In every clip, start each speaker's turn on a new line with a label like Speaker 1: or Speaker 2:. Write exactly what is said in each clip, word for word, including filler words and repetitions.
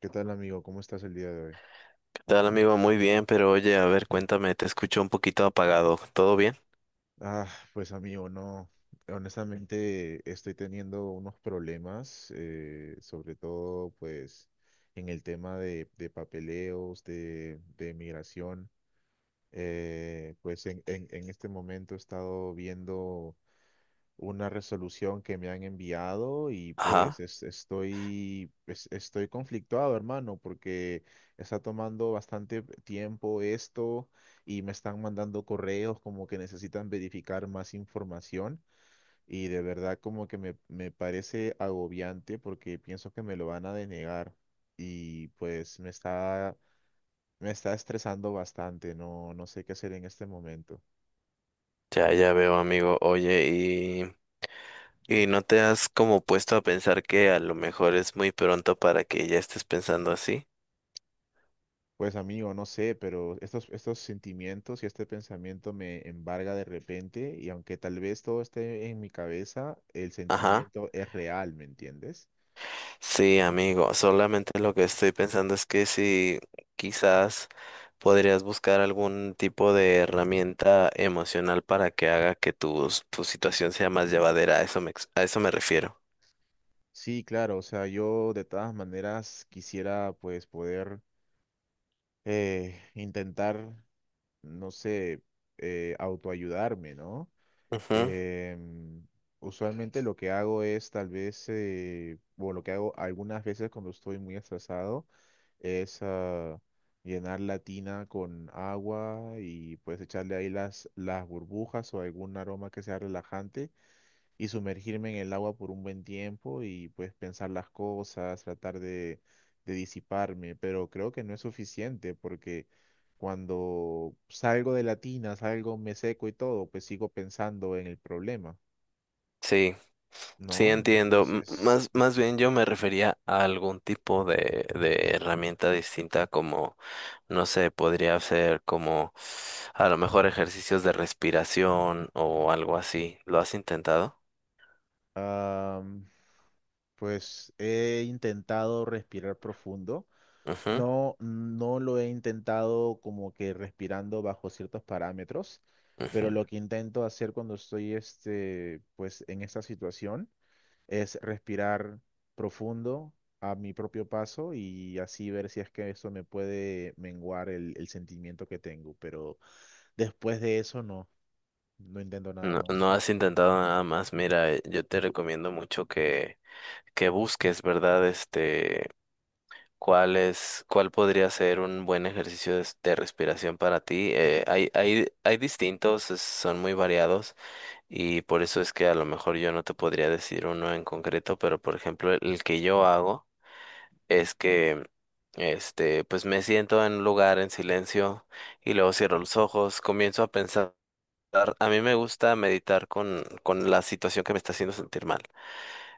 Speaker 1: ¿Qué tal, amigo? ¿Cómo estás el día de hoy?
Speaker 2: Tal amigo, muy bien, pero oye, a ver, cuéntame, te escucho un poquito apagado, ¿todo bien?
Speaker 1: Ah, pues amigo, no. Honestamente, estoy teniendo unos problemas, eh, sobre todo, pues, en el tema de, de papeleos, de, de migración. Eh, pues en, en, en este momento he estado viendo una resolución que me han enviado y pues
Speaker 2: Ajá,
Speaker 1: es- estoy, es- estoy conflictuado, hermano, porque está tomando bastante tiempo esto y me están mandando correos como que necesitan verificar más información y de verdad como que me, me parece agobiante porque pienso que me lo van a denegar y pues me está, me está estresando bastante, no, no sé qué hacer en este momento.
Speaker 2: ya, ya veo amigo, oye, y, y no te has como puesto a pensar que a lo mejor es muy pronto para que ya estés pensando así.
Speaker 1: Pues amigo, no sé, pero estos, estos sentimientos y este pensamiento me embarga de repente y aunque tal vez todo esté en mi cabeza, el
Speaker 2: Ajá.
Speaker 1: sentimiento es real, ¿me entiendes?
Speaker 2: Sí, amigo, solamente lo que estoy pensando es que si quizás podrías buscar algún tipo de herramienta emocional para que haga que tu, tu situación sea más llevadera, a eso me, ex- a eso me refiero.
Speaker 1: Sí, claro, o sea, yo de todas maneras quisiera pues poder eh, intentar, no sé, eh, autoayudarme, ¿no?
Speaker 2: Ujú.
Speaker 1: Em, Usualmente lo que hago es tal vez, eh, o lo que hago algunas veces cuando estoy muy estresado, es ah, llenar la tina con agua y pues echarle ahí las, las burbujas o algún aroma que sea relajante y sumergirme en el agua por un buen tiempo y pues pensar las cosas, tratar de, de disiparme, pero creo que no es suficiente porque cuando salgo de la tina, salgo, me seco y todo, pues sigo pensando en el problema,
Speaker 2: Sí, sí
Speaker 1: ¿no?
Speaker 2: entiendo. M-
Speaker 1: Entonces,
Speaker 2: más, más bien yo me refería a algún tipo de, de herramienta distinta como, no sé, podría ser como a lo mejor ejercicios de respiración o algo así. ¿Lo has intentado?
Speaker 1: ah, pues he intentado respirar profundo.
Speaker 2: Ujú,
Speaker 1: No, no lo he intentado como que respirando bajo ciertos parámetros, pero lo
Speaker 2: ujú.
Speaker 1: que intento hacer cuando estoy este, pues en esta situación es respirar profundo a mi propio paso y así ver si es que eso me puede menguar el, el sentimiento que tengo, pero después de eso no, no intento nada
Speaker 2: No,
Speaker 1: más.
Speaker 2: no has intentado nada más. Mira, eh, yo te recomiendo mucho que, que busques, ¿verdad? Este, cuál es, cuál podría ser un buen ejercicio de, de respiración para ti. Eh, hay, hay, hay distintos, es- son muy variados y por eso es que a lo mejor yo no te podría decir uno en concreto, pero por ejemplo, el, el que yo hago es que, este, pues me siento en un lugar en silencio y luego cierro los ojos, comienzo a pensar meditar- A mí me gusta meditar con, con la situación que me está haciendo sentir mal.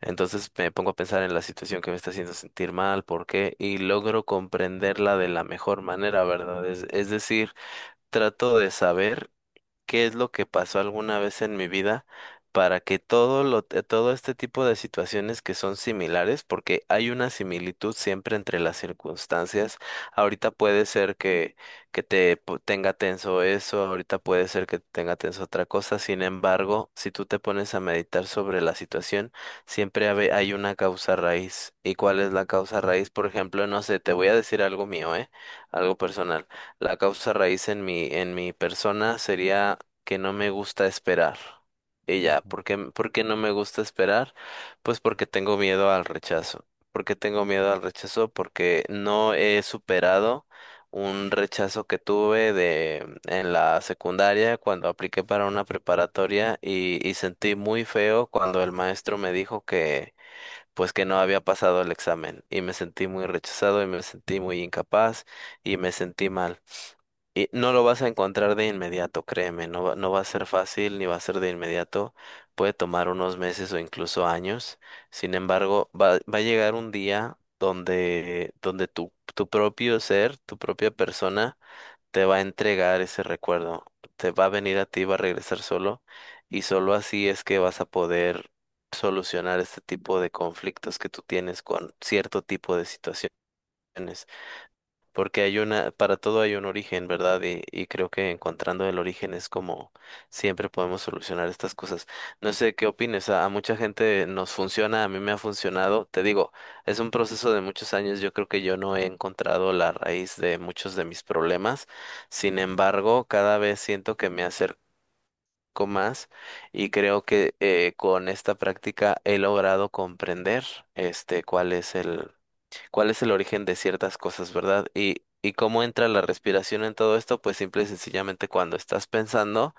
Speaker 2: Entonces me pongo a pensar en la situación que me está haciendo sentir mal, por qué, y logro comprenderla de la mejor manera, ¿verdad? Es, es decir, trato de saber qué es lo que pasó alguna vez en mi vida para que todo lo, eh, todo este tipo de situaciones que son similares, porque hay una similitud siempre entre las circunstancias. Ahorita puede ser que, que te po- tenga tenso eso, ahorita puede ser que tenga tenso otra cosa. Sin embargo, si tú te pones a meditar sobre la situación, siempre habe- hay una causa raíz. ¿Y cuál es la causa raíz? Por ejemplo, no sé, te voy a decir algo mío, ¿eh? Algo personal. La causa raíz en mi, en mi persona sería que no me gusta esperar. Y ya,
Speaker 1: Ujú.
Speaker 2: ¿por qué, por qué no me gusta esperar? Pues porque tengo miedo al rechazo. ¿Por qué tengo miedo al rechazo? Porque no he superado un rechazo que tuve de en la secundaria cuando apliqué para una preparatoria y, y sentí muy feo cuando el maestro me dijo que pues que no había pasado el examen y me sentí muy rechazado y me sentí muy incapaz y me sentí mal. Y no lo vas a encontrar de inmediato, créeme, no va, no va a ser fácil ni va a ser de inmediato, puede tomar unos meses o incluso años, sin embargo, va, va a llegar un día donde, donde tu, tu propio ser, tu propia persona, te va a entregar ese recuerdo, te va a venir a ti, va a regresar solo, y solo así es que vas a poder solucionar este tipo de conflictos que tú tienes con cierto tipo de situaciones. Porque hay una, para todo hay un origen, ¿verdad? Y, y creo que encontrando el origen es como siempre podemos solucionar estas cosas. No sé qué opines, a, a mucha gente nos funciona, a mí me ha funcionado. Te digo, es un proceso de muchos años, yo creo que yo no he encontrado la raíz de muchos de mis problemas. Sin embargo, cada vez siento que me acerco más y creo que eh, con esta práctica he logrado comprender este cuál es el cuál es el origen de ciertas cosas, ¿verdad? Y, y cómo entra la respiración en todo esto, pues simple y sencillamente cuando estás pensando.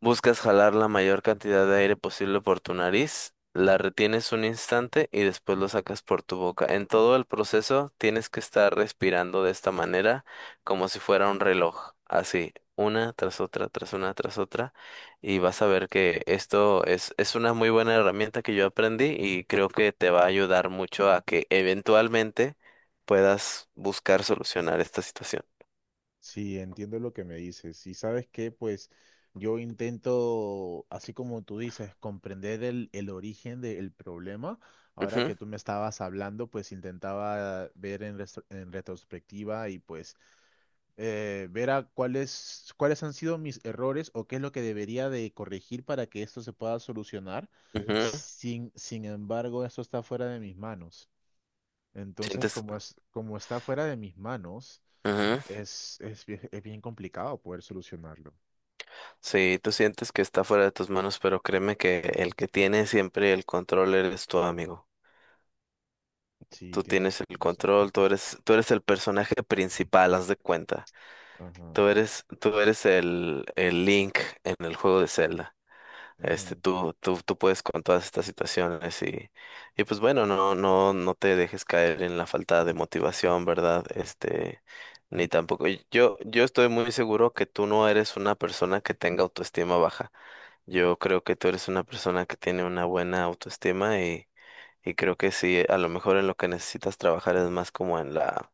Speaker 2: Buscas jalar la mayor cantidad de aire posible por tu nariz, la retienes un instante y después lo sacas por tu boca. En todo el proceso tienes que estar respirando de esta manera, como si fuera un reloj, así, una tras otra, tras una, tras otra, y vas a ver que esto es, es una muy buena herramienta que yo aprendí y creo que te va a ayudar mucho a que eventualmente puedas buscar solucionar esta situación.
Speaker 1: Sí, entiendo lo que me dices. Y sabes que, pues, yo intento, así como tú dices, comprender el, el origen del problema. Ahora que
Speaker 2: Ujú,
Speaker 1: tú me estabas hablando, pues intentaba ver en, restro- en retrospectiva y pues eh, ver a cuáles, cuáles han sido mis errores o qué es lo que debería de corregir para que esto se pueda solucionar.
Speaker 2: ujú.
Speaker 1: Sin, sin embargo, esto está fuera de mis manos. Entonces,
Speaker 2: Sientes.
Speaker 1: como es, como está fuera de mis manos
Speaker 2: Ujú.
Speaker 1: es, es, bien, es bien complicado poder solucionarlo.
Speaker 2: Sí, tú sientes que está fuera de tus manos, pero créeme que el que tiene siempre el control eres tu amigo.
Speaker 1: Sí,
Speaker 2: Tú
Speaker 1: tienes
Speaker 2: tienes el
Speaker 1: razón.
Speaker 2: control, tú eres, tú eres el personaje principal, haz de cuenta.
Speaker 1: Ajá.
Speaker 2: Tú eres, tú eres el, el Link en el juego de Zelda. Este,
Speaker 1: Ujú.
Speaker 2: tú, tú, tú puedes con todas estas situaciones y, y pues bueno, no, no, no te dejes caer en la falta de motivación, ¿verdad? Este, ni tampoco. Yo, yo estoy muy seguro que tú no eres una persona que tenga autoestima baja. Yo creo que tú eres una persona que tiene una buena autoestima y, y creo que sí, a lo mejor en lo que necesitas trabajar es más como en la,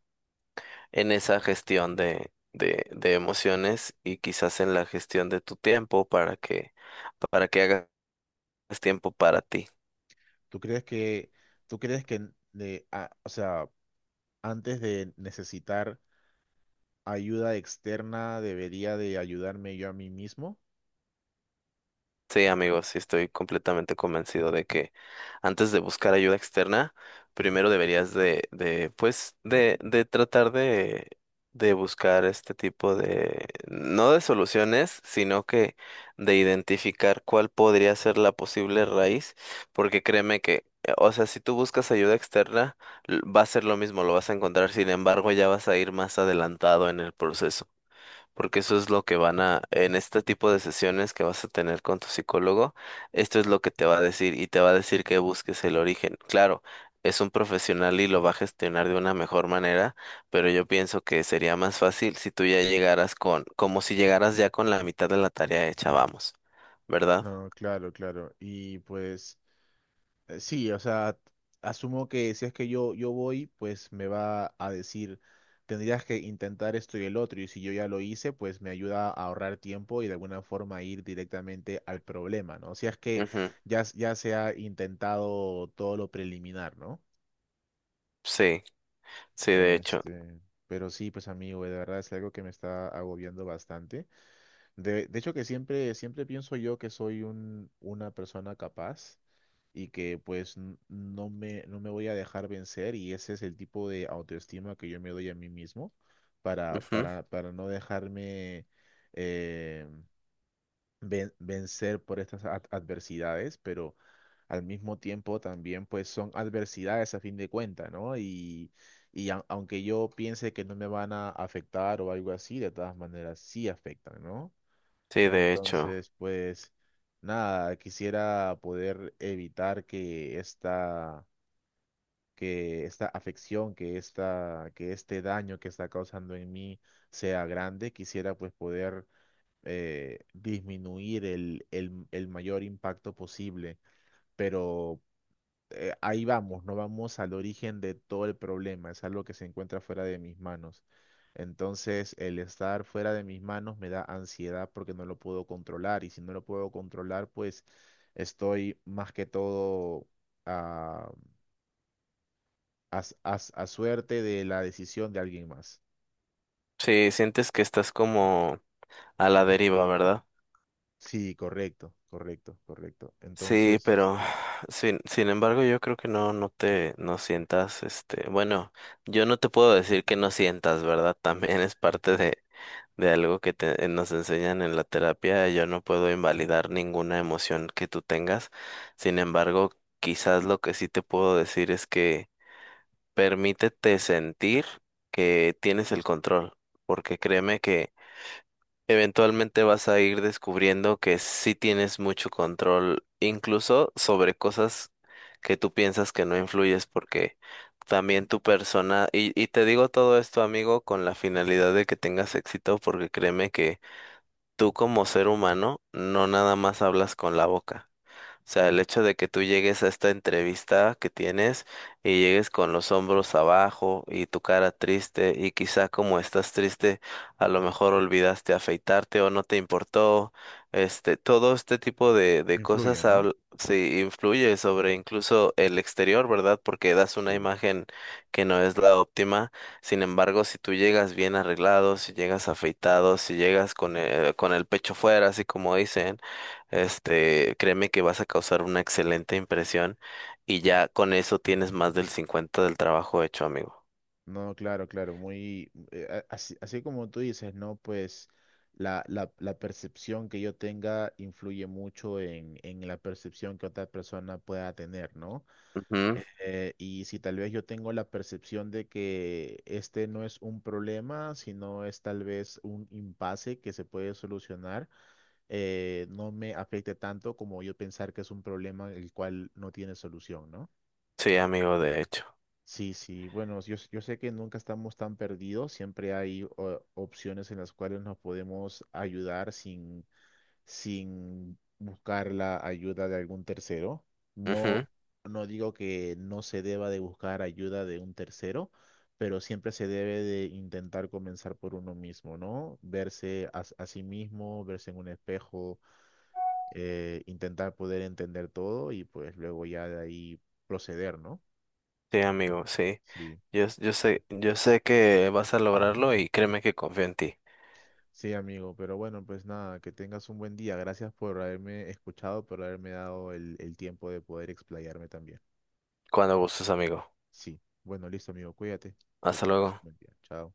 Speaker 2: en esa gestión de, de, de emociones y quizás en la gestión de tu tiempo para que, para que hagas tiempo para ti.
Speaker 1: ¿Tú crees que, tú crees que de, a- o sea, antes de necesitar ayuda externa, debería de ayudarme yo a mí mismo?
Speaker 2: Sí, amigos, sí estoy completamente convencido de que antes de buscar ayuda externa, primero deberías de, de, pues, de, de tratar de, de buscar este tipo de, no de soluciones, sino que de identificar cuál podría ser la posible raíz, porque créeme que, eh, o sea, si tú buscas ayuda externa, l- va a ser lo mismo, lo vas a encontrar, sin embargo, ya vas a ir más adelantado en el proceso. Porque eso es lo que van a, en este tipo de sesiones que vas a tener con tu psicólogo, esto es lo que te va a decir y te va a decir que busques el origen. Claro, es un profesional y lo va a gestionar de una mejor manera, pero yo pienso que sería más fácil si tú ya llegaras con, como si llegaras ya con la mitad de la tarea hecha, vamos, ¿verdad?
Speaker 1: No, claro, claro. Y pues, Eh, sí, o sea, asumo que si es que yo, yo voy, pues me va a decir, tendrías que intentar esto y el otro, y si yo ya lo hice, pues me ayuda a ahorrar tiempo y de alguna forma ir directamente al problema, ¿no? Si es que
Speaker 2: Ujú.
Speaker 1: ya, s- ya se ha intentado todo lo preliminar, ¿no?
Speaker 2: Sí, sí, de hecho.
Speaker 1: Este, pero sí, pues amigo, de verdad es algo que me está agobiando bastante. De, de hecho que siempre, siempre pienso yo que soy un, una persona capaz y que pues n- no me, no me voy a dejar vencer y ese es el tipo de autoestima que yo me doy a mí mismo para,
Speaker 2: Ujú.
Speaker 1: para, para no dejarme eh, ven- vencer por estas ad- adversidades, pero al mismo tiempo también pues son adversidades a fin de cuentas, ¿no? Y, y a- aunque yo piense que no me van a afectar o algo así, de todas maneras sí afectan, ¿no?
Speaker 2: Sí, de hecho.
Speaker 1: Entonces, pues nada, quisiera poder evitar que esta, que esta afección, que esta, que este daño que está causando en mí sea grande. Quisiera pues poder eh, disminuir el, el, el mayor impacto posible, pero eh, ahí vamos, no vamos al origen de todo el problema, es algo que se encuentra fuera de mis manos. Entonces, el estar fuera de mis manos me da ansiedad porque no lo puedo controlar y si no lo puedo controlar, pues estoy más que todo a, a s- a s- a suerte de la decisión de alguien más.
Speaker 2: Sí, sientes que estás como a la deriva, ¿verdad?
Speaker 1: Sí, correcto, correcto, correcto.
Speaker 2: Sí,
Speaker 1: Entonces,
Speaker 2: pero
Speaker 1: este,
Speaker 2: sin, sin embargo yo creo que no, no te, no sientas, este, bueno, yo no te puedo decir que no sientas, ¿verdad? También es parte de, de algo que te, nos enseñan en la terapia, yo no puedo invalidar ninguna emoción que tú tengas, sin embargo, quizás lo que sí te puedo decir es que permítete sentir que tienes el control, porque créeme que eventualmente vas a ir descubriendo que sí tienes mucho control, incluso sobre cosas que tú piensas que no influyes, porque también tu persona, y, y te digo todo esto, amigo, con la finalidad de que tengas éxito, porque créeme que tú como ser humano no nada más hablas con la boca sea, el hecho de que tú llegues a esta entrevista que tienes y llegues con los hombros abajo y tu cara triste y quizá como estás triste, a lo mejor olvidaste afeitarte o no te importó, este, todo este tipo de, de
Speaker 1: influye,
Speaker 2: cosas
Speaker 1: ¿no?
Speaker 2: habl- sí, influye sobre incluso el exterior, ¿verdad? Porque das una
Speaker 1: Sí.
Speaker 2: imagen que no es la óptima. Sin embargo, si tú llegas bien arreglado, si llegas afeitado, si llegas con el, con el pecho fuera, así como dicen, este, créeme que vas a causar una excelente impresión y ya con eso tienes más del cincuenta del trabajo hecho, amigo.
Speaker 1: No, claro, claro, muy, eh, a- así, así como tú dices, ¿no? Pues la, la, la percepción que yo tenga influye mucho en, en la percepción que otra persona pueda tener, ¿no?
Speaker 2: Ujú.
Speaker 1: Eh, y si tal vez yo tengo la percepción de que este no es un problema, sino es tal vez un impasse que se puede solucionar, eh, no me afecte tanto como yo pensar que es un problema el cual no tiene solución, ¿no?
Speaker 2: Sí, amigo, de hecho.
Speaker 1: Sí, sí, bueno, yo, s- yo sé que nunca estamos tan perdidos, siempre hay o- opciones en las cuales nos podemos ayudar sin, sin buscar la ayuda de algún tercero. No,
Speaker 2: Ujú.
Speaker 1: no digo que no se deba de buscar ayuda de un tercero, pero siempre se debe de intentar comenzar por uno mismo, ¿no? Verse a, s- a sí mismo, verse en un espejo, eh, intentar poder entender todo y pues luego ya de ahí proceder, ¿no?
Speaker 2: Sí, amigo, sí.
Speaker 1: Sí.
Speaker 2: Yo, s- yo sé, yo sé que vas a lograrlo y créeme que confío en ti.
Speaker 1: Sí, amigo, pero bueno, pues nada, que tengas un buen día. Gracias por haberme escuchado, por haberme dado el, el tiempo de poder explayarme también.
Speaker 2: Cuando gustes, amigo.
Speaker 1: Sí, bueno, listo, amigo, cuídate, que
Speaker 2: Hasta
Speaker 1: tengas un
Speaker 2: luego.
Speaker 1: buen día. Chao.